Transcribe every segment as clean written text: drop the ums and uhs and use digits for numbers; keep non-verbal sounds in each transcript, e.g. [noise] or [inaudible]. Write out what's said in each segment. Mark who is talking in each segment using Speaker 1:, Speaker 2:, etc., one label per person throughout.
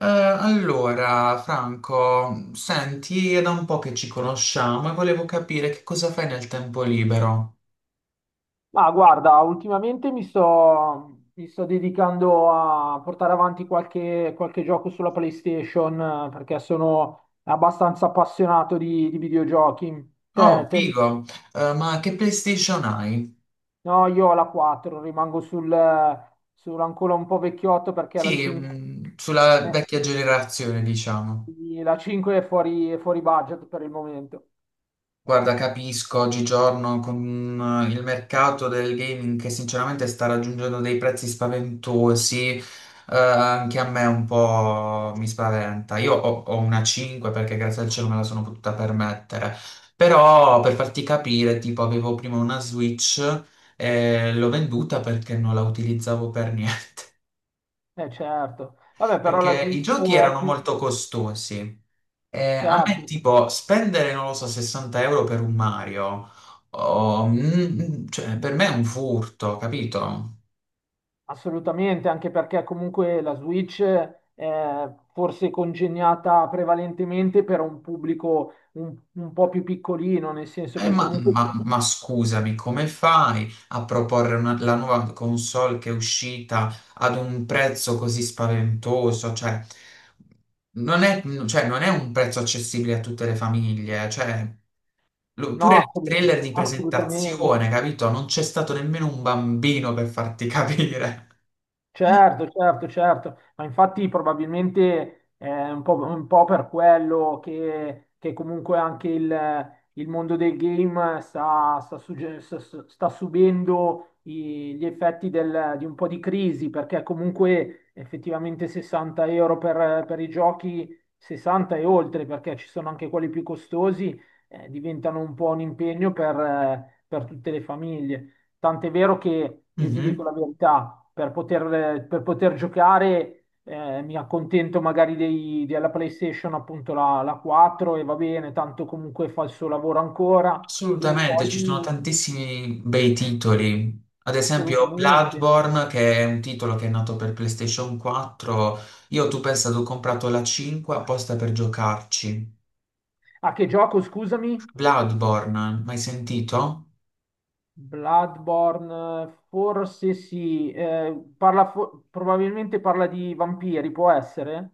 Speaker 1: Allora, Franco, senti, è da un po' che ci conosciamo e volevo capire che cosa fai nel tempo libero.
Speaker 2: Ma guarda, ultimamente mi sto dedicando a portare avanti qualche gioco sulla PlayStation perché sono abbastanza appassionato di videogiochi.
Speaker 1: Oh, figo. Ma che PlayStation hai?
Speaker 2: No, io ho la 4, rimango sul ancora un po' vecchiotto perché la
Speaker 1: Sì,
Speaker 2: 5,
Speaker 1: sulla
Speaker 2: eh,
Speaker 1: vecchia generazione, diciamo.
Speaker 2: sì, la 5 è fuori budget per il momento.
Speaker 1: Guarda, capisco, oggigiorno con il mercato del gaming che sinceramente sta raggiungendo dei prezzi spaventosi, anche a me un po' mi spaventa. Io ho una 5 perché grazie al cielo me la sono potuta permettere, però per farti capire, tipo avevo prima una Switch e l'ho venduta perché non la utilizzavo per niente,
Speaker 2: Eh certo.
Speaker 1: [laughs]
Speaker 2: Vabbè, però la
Speaker 1: perché i
Speaker 2: Switch
Speaker 1: giochi
Speaker 2: è
Speaker 1: erano
Speaker 2: più.
Speaker 1: molto costosi. A me
Speaker 2: Certo.
Speaker 1: tipo spendere, non lo so, 60 euro per un Mario, o, mm, cioè per me è un furto, capito?
Speaker 2: Assolutamente, anche perché comunque la Switch è forse congegnata prevalentemente per un pubblico un po' più piccolino, nel senso
Speaker 1: Eh,
Speaker 2: che
Speaker 1: ma,
Speaker 2: comunque.
Speaker 1: ma- ma scusami, come fai a proporre la nuova console che è uscita ad un prezzo così spaventoso? Non è, cioè, non è un prezzo accessibile a tutte le famiglie, cioè,
Speaker 2: No,
Speaker 1: pure il trailer di
Speaker 2: assolutamente.
Speaker 1: presentazione, capito? Non c'è stato nemmeno un bambino per farti capire.
Speaker 2: Certo, certo, certo, ma infatti probabilmente è un po' per quello che comunque anche il mondo del game sta subendo gli effetti di un po' di crisi, perché comunque effettivamente 60 euro per i giochi, 60 e oltre, perché ci sono anche quelli più costosi, diventano un po' un impegno per tutte le famiglie. Tant'è vero che io ti dico
Speaker 1: [laughs]
Speaker 2: la verità, per poter giocare mi accontento magari della PlayStation, appunto la 4 e va bene, tanto comunque fa il suo lavoro ancora. E
Speaker 1: Assolutamente,
Speaker 2: poi,
Speaker 1: ci sono tantissimi bei titoli. Ad esempio
Speaker 2: assolutamente.
Speaker 1: Bloodborne, che è un titolo che è nato per PlayStation 4. Io tu pensa, ho comprato la 5 apposta per giocarci.
Speaker 2: A che gioco, scusami?
Speaker 1: Bloodborne, mai sentito?
Speaker 2: Bloodborne, forse sì, parla probabilmente parla di vampiri, può essere?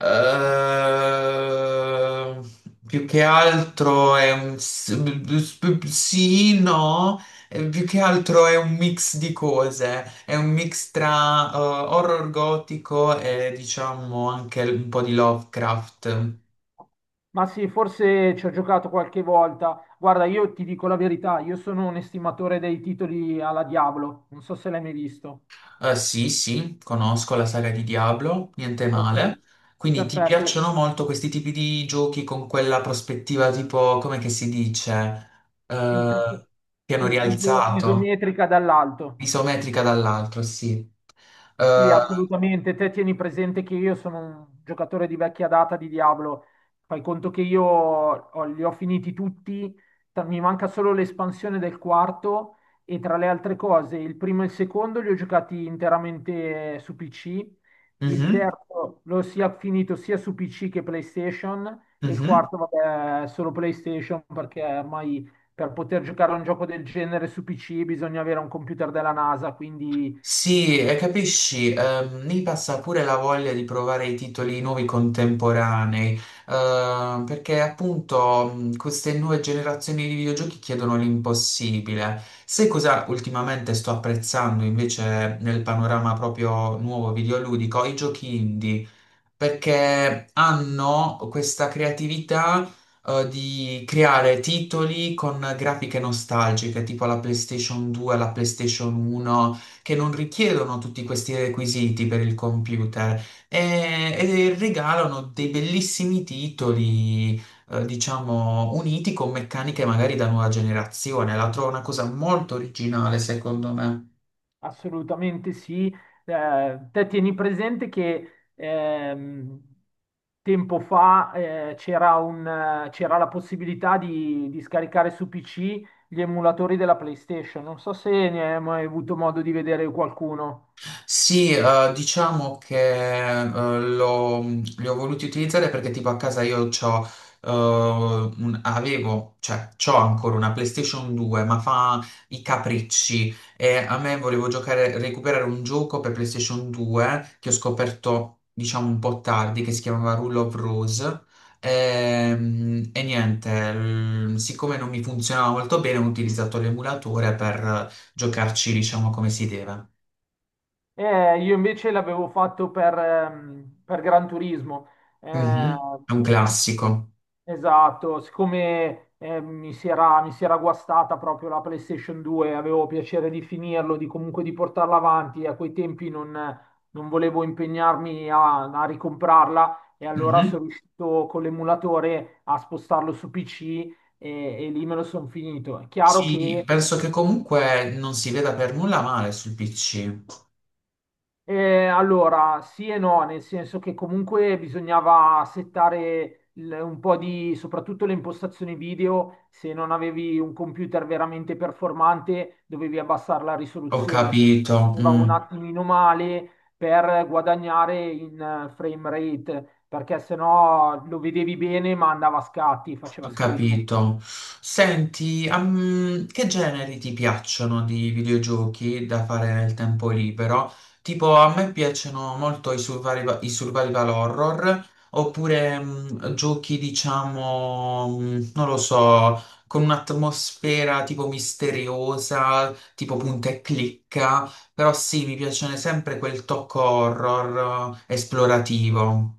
Speaker 1: Ehm, Più che altro è un sì, no. Più che altro è un mix di cose, è un mix tra horror gotico e diciamo anche un po' di Lovecraft.
Speaker 2: Ma sì, forse ci ho giocato qualche volta. Guarda, io ti dico la verità, io sono un estimatore dei titoli alla Diablo, non so se l'hai mai visto.
Speaker 1: Sì, sì, conosco la saga di Diablo, niente
Speaker 2: Ok,
Speaker 1: male. Quindi ti
Speaker 2: perfetto.
Speaker 1: piacciono molto questi tipi di giochi con quella prospettiva tipo, come che si dice?
Speaker 2: In
Speaker 1: Eh,
Speaker 2: terzo-
Speaker 1: Piano
Speaker 2: i- iso-
Speaker 1: rialzato.
Speaker 2: isometrica dall'alto.
Speaker 1: Isometrica dall'altro, sì.
Speaker 2: Sì,
Speaker 1: Eh,
Speaker 2: assolutamente. Te tieni presente che io sono un giocatore di vecchia data di Diablo. Fai conto che li ho finiti tutti, mi manca solo l'espansione del quarto e tra le altre cose, il primo e il secondo li ho giocati interamente su PC, il
Speaker 1: mhm,
Speaker 2: terzo l'ho sia finito sia su PC che PlayStation e il
Speaker 1: mhm.
Speaker 2: quarto, vabbè, solo PlayStation perché ormai per poter giocare a un gioco del genere su PC bisogna avere un computer della NASA, quindi
Speaker 1: Sì, e capisci, mi passa pure la voglia di provare i titoli nuovi contemporanei, perché appunto queste nuove generazioni di videogiochi chiedono l'impossibile. Sai cosa ultimamente sto apprezzando invece nel panorama proprio nuovo videoludico? I giochi indie. Perché hanno questa creatività di creare titoli con grafiche nostalgiche, tipo la PlayStation 2, la PlayStation 1, che non richiedono tutti questi requisiti per il computer e regalano dei bellissimi titoli. Diciamo uniti con meccaniche magari da nuova generazione, la trovo una cosa molto originale, secondo me.
Speaker 2: assolutamente sì. Te tieni presente che tempo fa c'era la possibilità di scaricare su PC gli emulatori della PlayStation. Non so se ne hai mai avuto modo di vedere qualcuno.
Speaker 1: Sì, diciamo che li ho voluti utilizzare perché tipo a casa io c'ho, avevo, cioè c'ho ancora una PlayStation 2, ma fa i capricci e a me volevo giocare, recuperare un gioco per PlayStation 2 che ho scoperto, diciamo, un po' tardi, che si chiamava Rule of Rose. E, niente, siccome non mi funzionava molto bene, ho utilizzato l'emulatore per giocarci, diciamo, come si deve.
Speaker 2: Io invece l'avevo fatto per Gran Turismo. Eh,
Speaker 1: Mhm, è un classico.
Speaker 2: Esatto, siccome mi si era guastata proprio la PlayStation 2, avevo piacere di finirlo, di comunque di portarla avanti, a quei tempi non volevo impegnarmi a ricomprarla e allora
Speaker 1: Mhm.
Speaker 2: sono riuscito con l'emulatore a spostarlo su PC e lì me lo sono finito. È chiaro
Speaker 1: Sì,
Speaker 2: che.
Speaker 1: penso che comunque non si veda per nulla male sul PC.
Speaker 2: Allora, sì e no, nel senso che comunque bisognava settare un po' di, soprattutto le impostazioni video, se non avevi un computer veramente performante, dovevi abbassare la
Speaker 1: Ho
Speaker 2: risoluzione.
Speaker 1: capito.
Speaker 2: Era
Speaker 1: Mm.
Speaker 2: un attimino male per guadagnare in frame rate, perché sennò lo vedevi bene ma andava a scatti, faceva
Speaker 1: Ho
Speaker 2: schifo.
Speaker 1: capito. Senti, che generi ti piacciono di videogiochi da fare nel tempo libero? Tipo, a me piacciono molto i survival horror, oppure giochi, diciamo, non lo so, con un'atmosfera tipo misteriosa, tipo punta e clicca, però sì, mi piace sempre quel tocco horror esplorativo.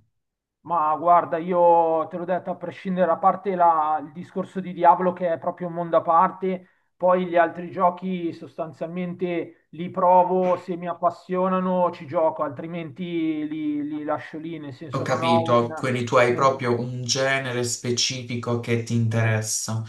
Speaker 2: Ma guarda, io te l'ho detto, a prescindere, a parte il discorso di Diablo che è proprio un mondo a parte, poi gli altri giochi sostanzialmente li provo, se mi appassionano ci gioco, altrimenti li lascio lì, nel
Speaker 1: Ho
Speaker 2: senso non ho
Speaker 1: capito,
Speaker 2: un,
Speaker 1: quindi tu hai
Speaker 2: un-
Speaker 1: proprio un genere specifico che ti interessa.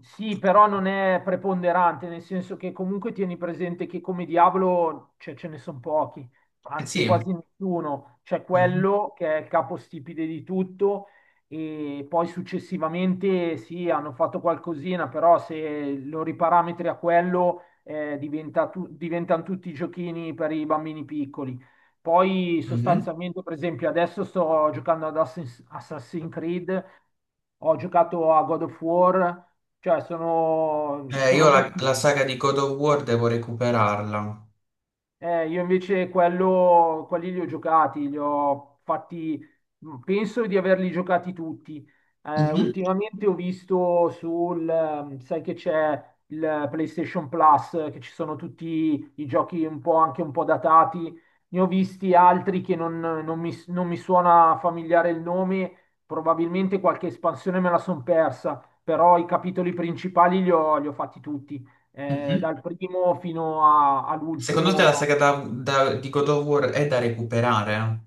Speaker 2: Sì, però non è preponderante, nel senso che comunque tieni presente che come diavolo cioè, ce ne sono pochi,
Speaker 1: Eh
Speaker 2: anzi
Speaker 1: sì.
Speaker 2: quasi nessuno. C'è
Speaker 1: Mhm,
Speaker 2: quello che è il capostipite di tutto e poi successivamente sì, hanno fatto qualcosina, però se lo riparametri a quello diventano tutti giochini per i bambini piccoli. Poi
Speaker 1: mhm.
Speaker 2: sostanzialmente, per esempio, adesso sto giocando ad Assassin's Creed, ho giocato a God of War cioè sono, sono
Speaker 1: Io la,
Speaker 2: giochi.
Speaker 1: la saga di God of War devo recuperarla.
Speaker 2: Io invece quelli li ho giocati, li ho fatti, penso di averli giocati tutti. Eh,
Speaker 1: Mhm,
Speaker 2: ultimamente ho visto sai che c'è il PlayStation Plus, che ci sono tutti i giochi un po' anche un po' datati. Ne ho visti altri che non mi suona familiare il nome, probabilmente qualche espansione me la son persa, però i capitoli principali li ho fatti tutti
Speaker 1: mhm.
Speaker 2: dal primo fino
Speaker 1: Secondo te la
Speaker 2: all'ultimo.
Speaker 1: saga di God of War è da recuperare?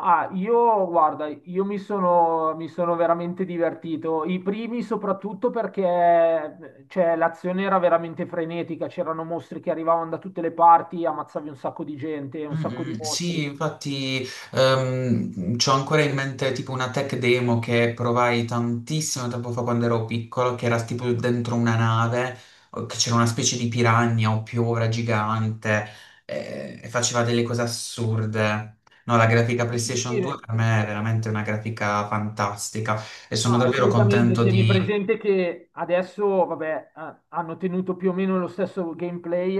Speaker 2: Ah, io guarda, io mi sono veramente divertito. I primi soprattutto perché cioè, l'azione era veramente frenetica, c'erano mostri che arrivavano da tutte le parti, ammazzavi un sacco di gente, un
Speaker 1: Mm,
Speaker 2: sacco di
Speaker 1: mm, sì,
Speaker 2: mostri.
Speaker 1: infatti c'ho ancora in mente tipo una tech demo che provai tantissimo tempo fa quando ero piccolo, che era tipo dentro una nave, o che c'era una specie di piranha o piovra gigante e faceva delle cose assurde. No, la grafica
Speaker 2: Sì,
Speaker 1: PlayStation 2
Speaker 2: sì.
Speaker 1: per me è veramente una grafica fantastica e sono
Speaker 2: Ah,
Speaker 1: davvero
Speaker 2: assolutamente,
Speaker 1: contento
Speaker 2: tieni
Speaker 1: di...
Speaker 2: presente che adesso, vabbè, hanno tenuto più o meno lo stesso gameplay,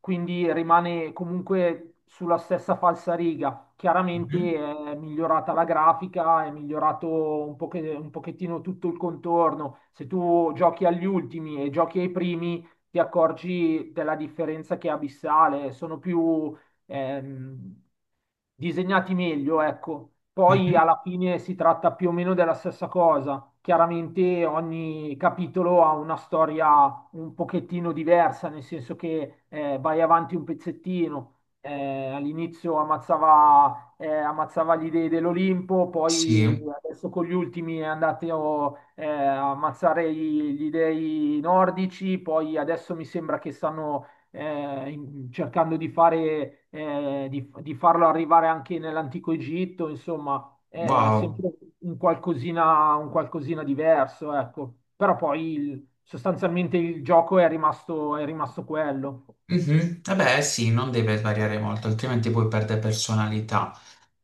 Speaker 2: quindi rimane comunque sulla stessa falsariga. Chiaramente
Speaker 1: Mhm,
Speaker 2: è migliorata la grafica, è migliorato un pochettino tutto il contorno. Se tu giochi agli ultimi e giochi ai primi, ti accorgi della differenza che è abissale. Sono più ehm, disegnati meglio, ecco. Poi
Speaker 1: mhm,
Speaker 2: alla fine si tratta più o meno della stessa cosa. Chiaramente ogni capitolo ha una storia un pochettino diversa, nel senso che vai avanti un pezzettino. All'inizio ammazzava, ammazzava gli dei dell'Olimpo,
Speaker 1: sì,
Speaker 2: poi adesso con gli ultimi è andato a ammazzare gli dei nordici, poi adesso mi sembra che stanno cercando di fare, di farlo arrivare anche nell'antico Egitto, insomma, è
Speaker 1: wow.
Speaker 2: sempre un qualcosina diverso, ecco. Però poi sostanzialmente il gioco è rimasto quello,
Speaker 1: Mhm. Eh beh, sì, non deve variare molto, altrimenti poi perde personalità.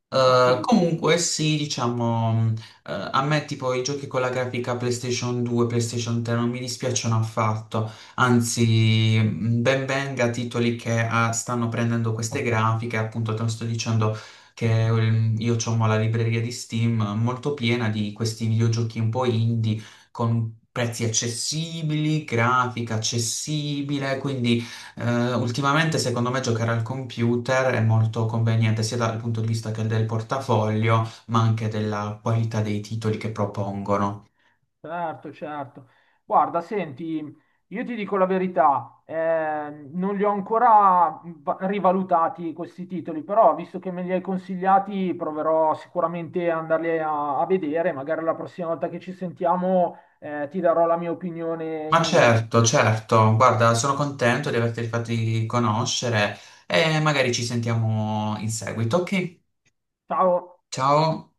Speaker 2: assolutamente.
Speaker 1: Comunque sì, diciamo, a me tipo i giochi con la grafica PlayStation 2, PlayStation 3 non mi dispiacciono affatto, anzi ben venga titoli che stanno prendendo queste grafiche, appunto te lo sto dicendo che io ho la libreria di Steam molto piena di questi videogiochi un po' indie con prezzi accessibili, grafica accessibile, quindi... Ultimamente secondo me giocare al computer è molto conveniente sia dal punto di vista che del portafoglio, ma anche della qualità dei titoli che propongono.
Speaker 2: Certo, certo. Guarda, senti, io ti dico la verità, non li ho ancora rivalutati questi titoli, però visto che me li hai consigliati, proverò sicuramente ad andarli a vedere, magari la prossima volta che ci sentiamo, ti darò la mia opinione
Speaker 1: Ma
Speaker 2: in merito.
Speaker 1: certo, certo, guarda, sono contento di averti fatti conoscere e magari ci sentiamo in seguito, ok?
Speaker 2: Ciao.
Speaker 1: Ciao!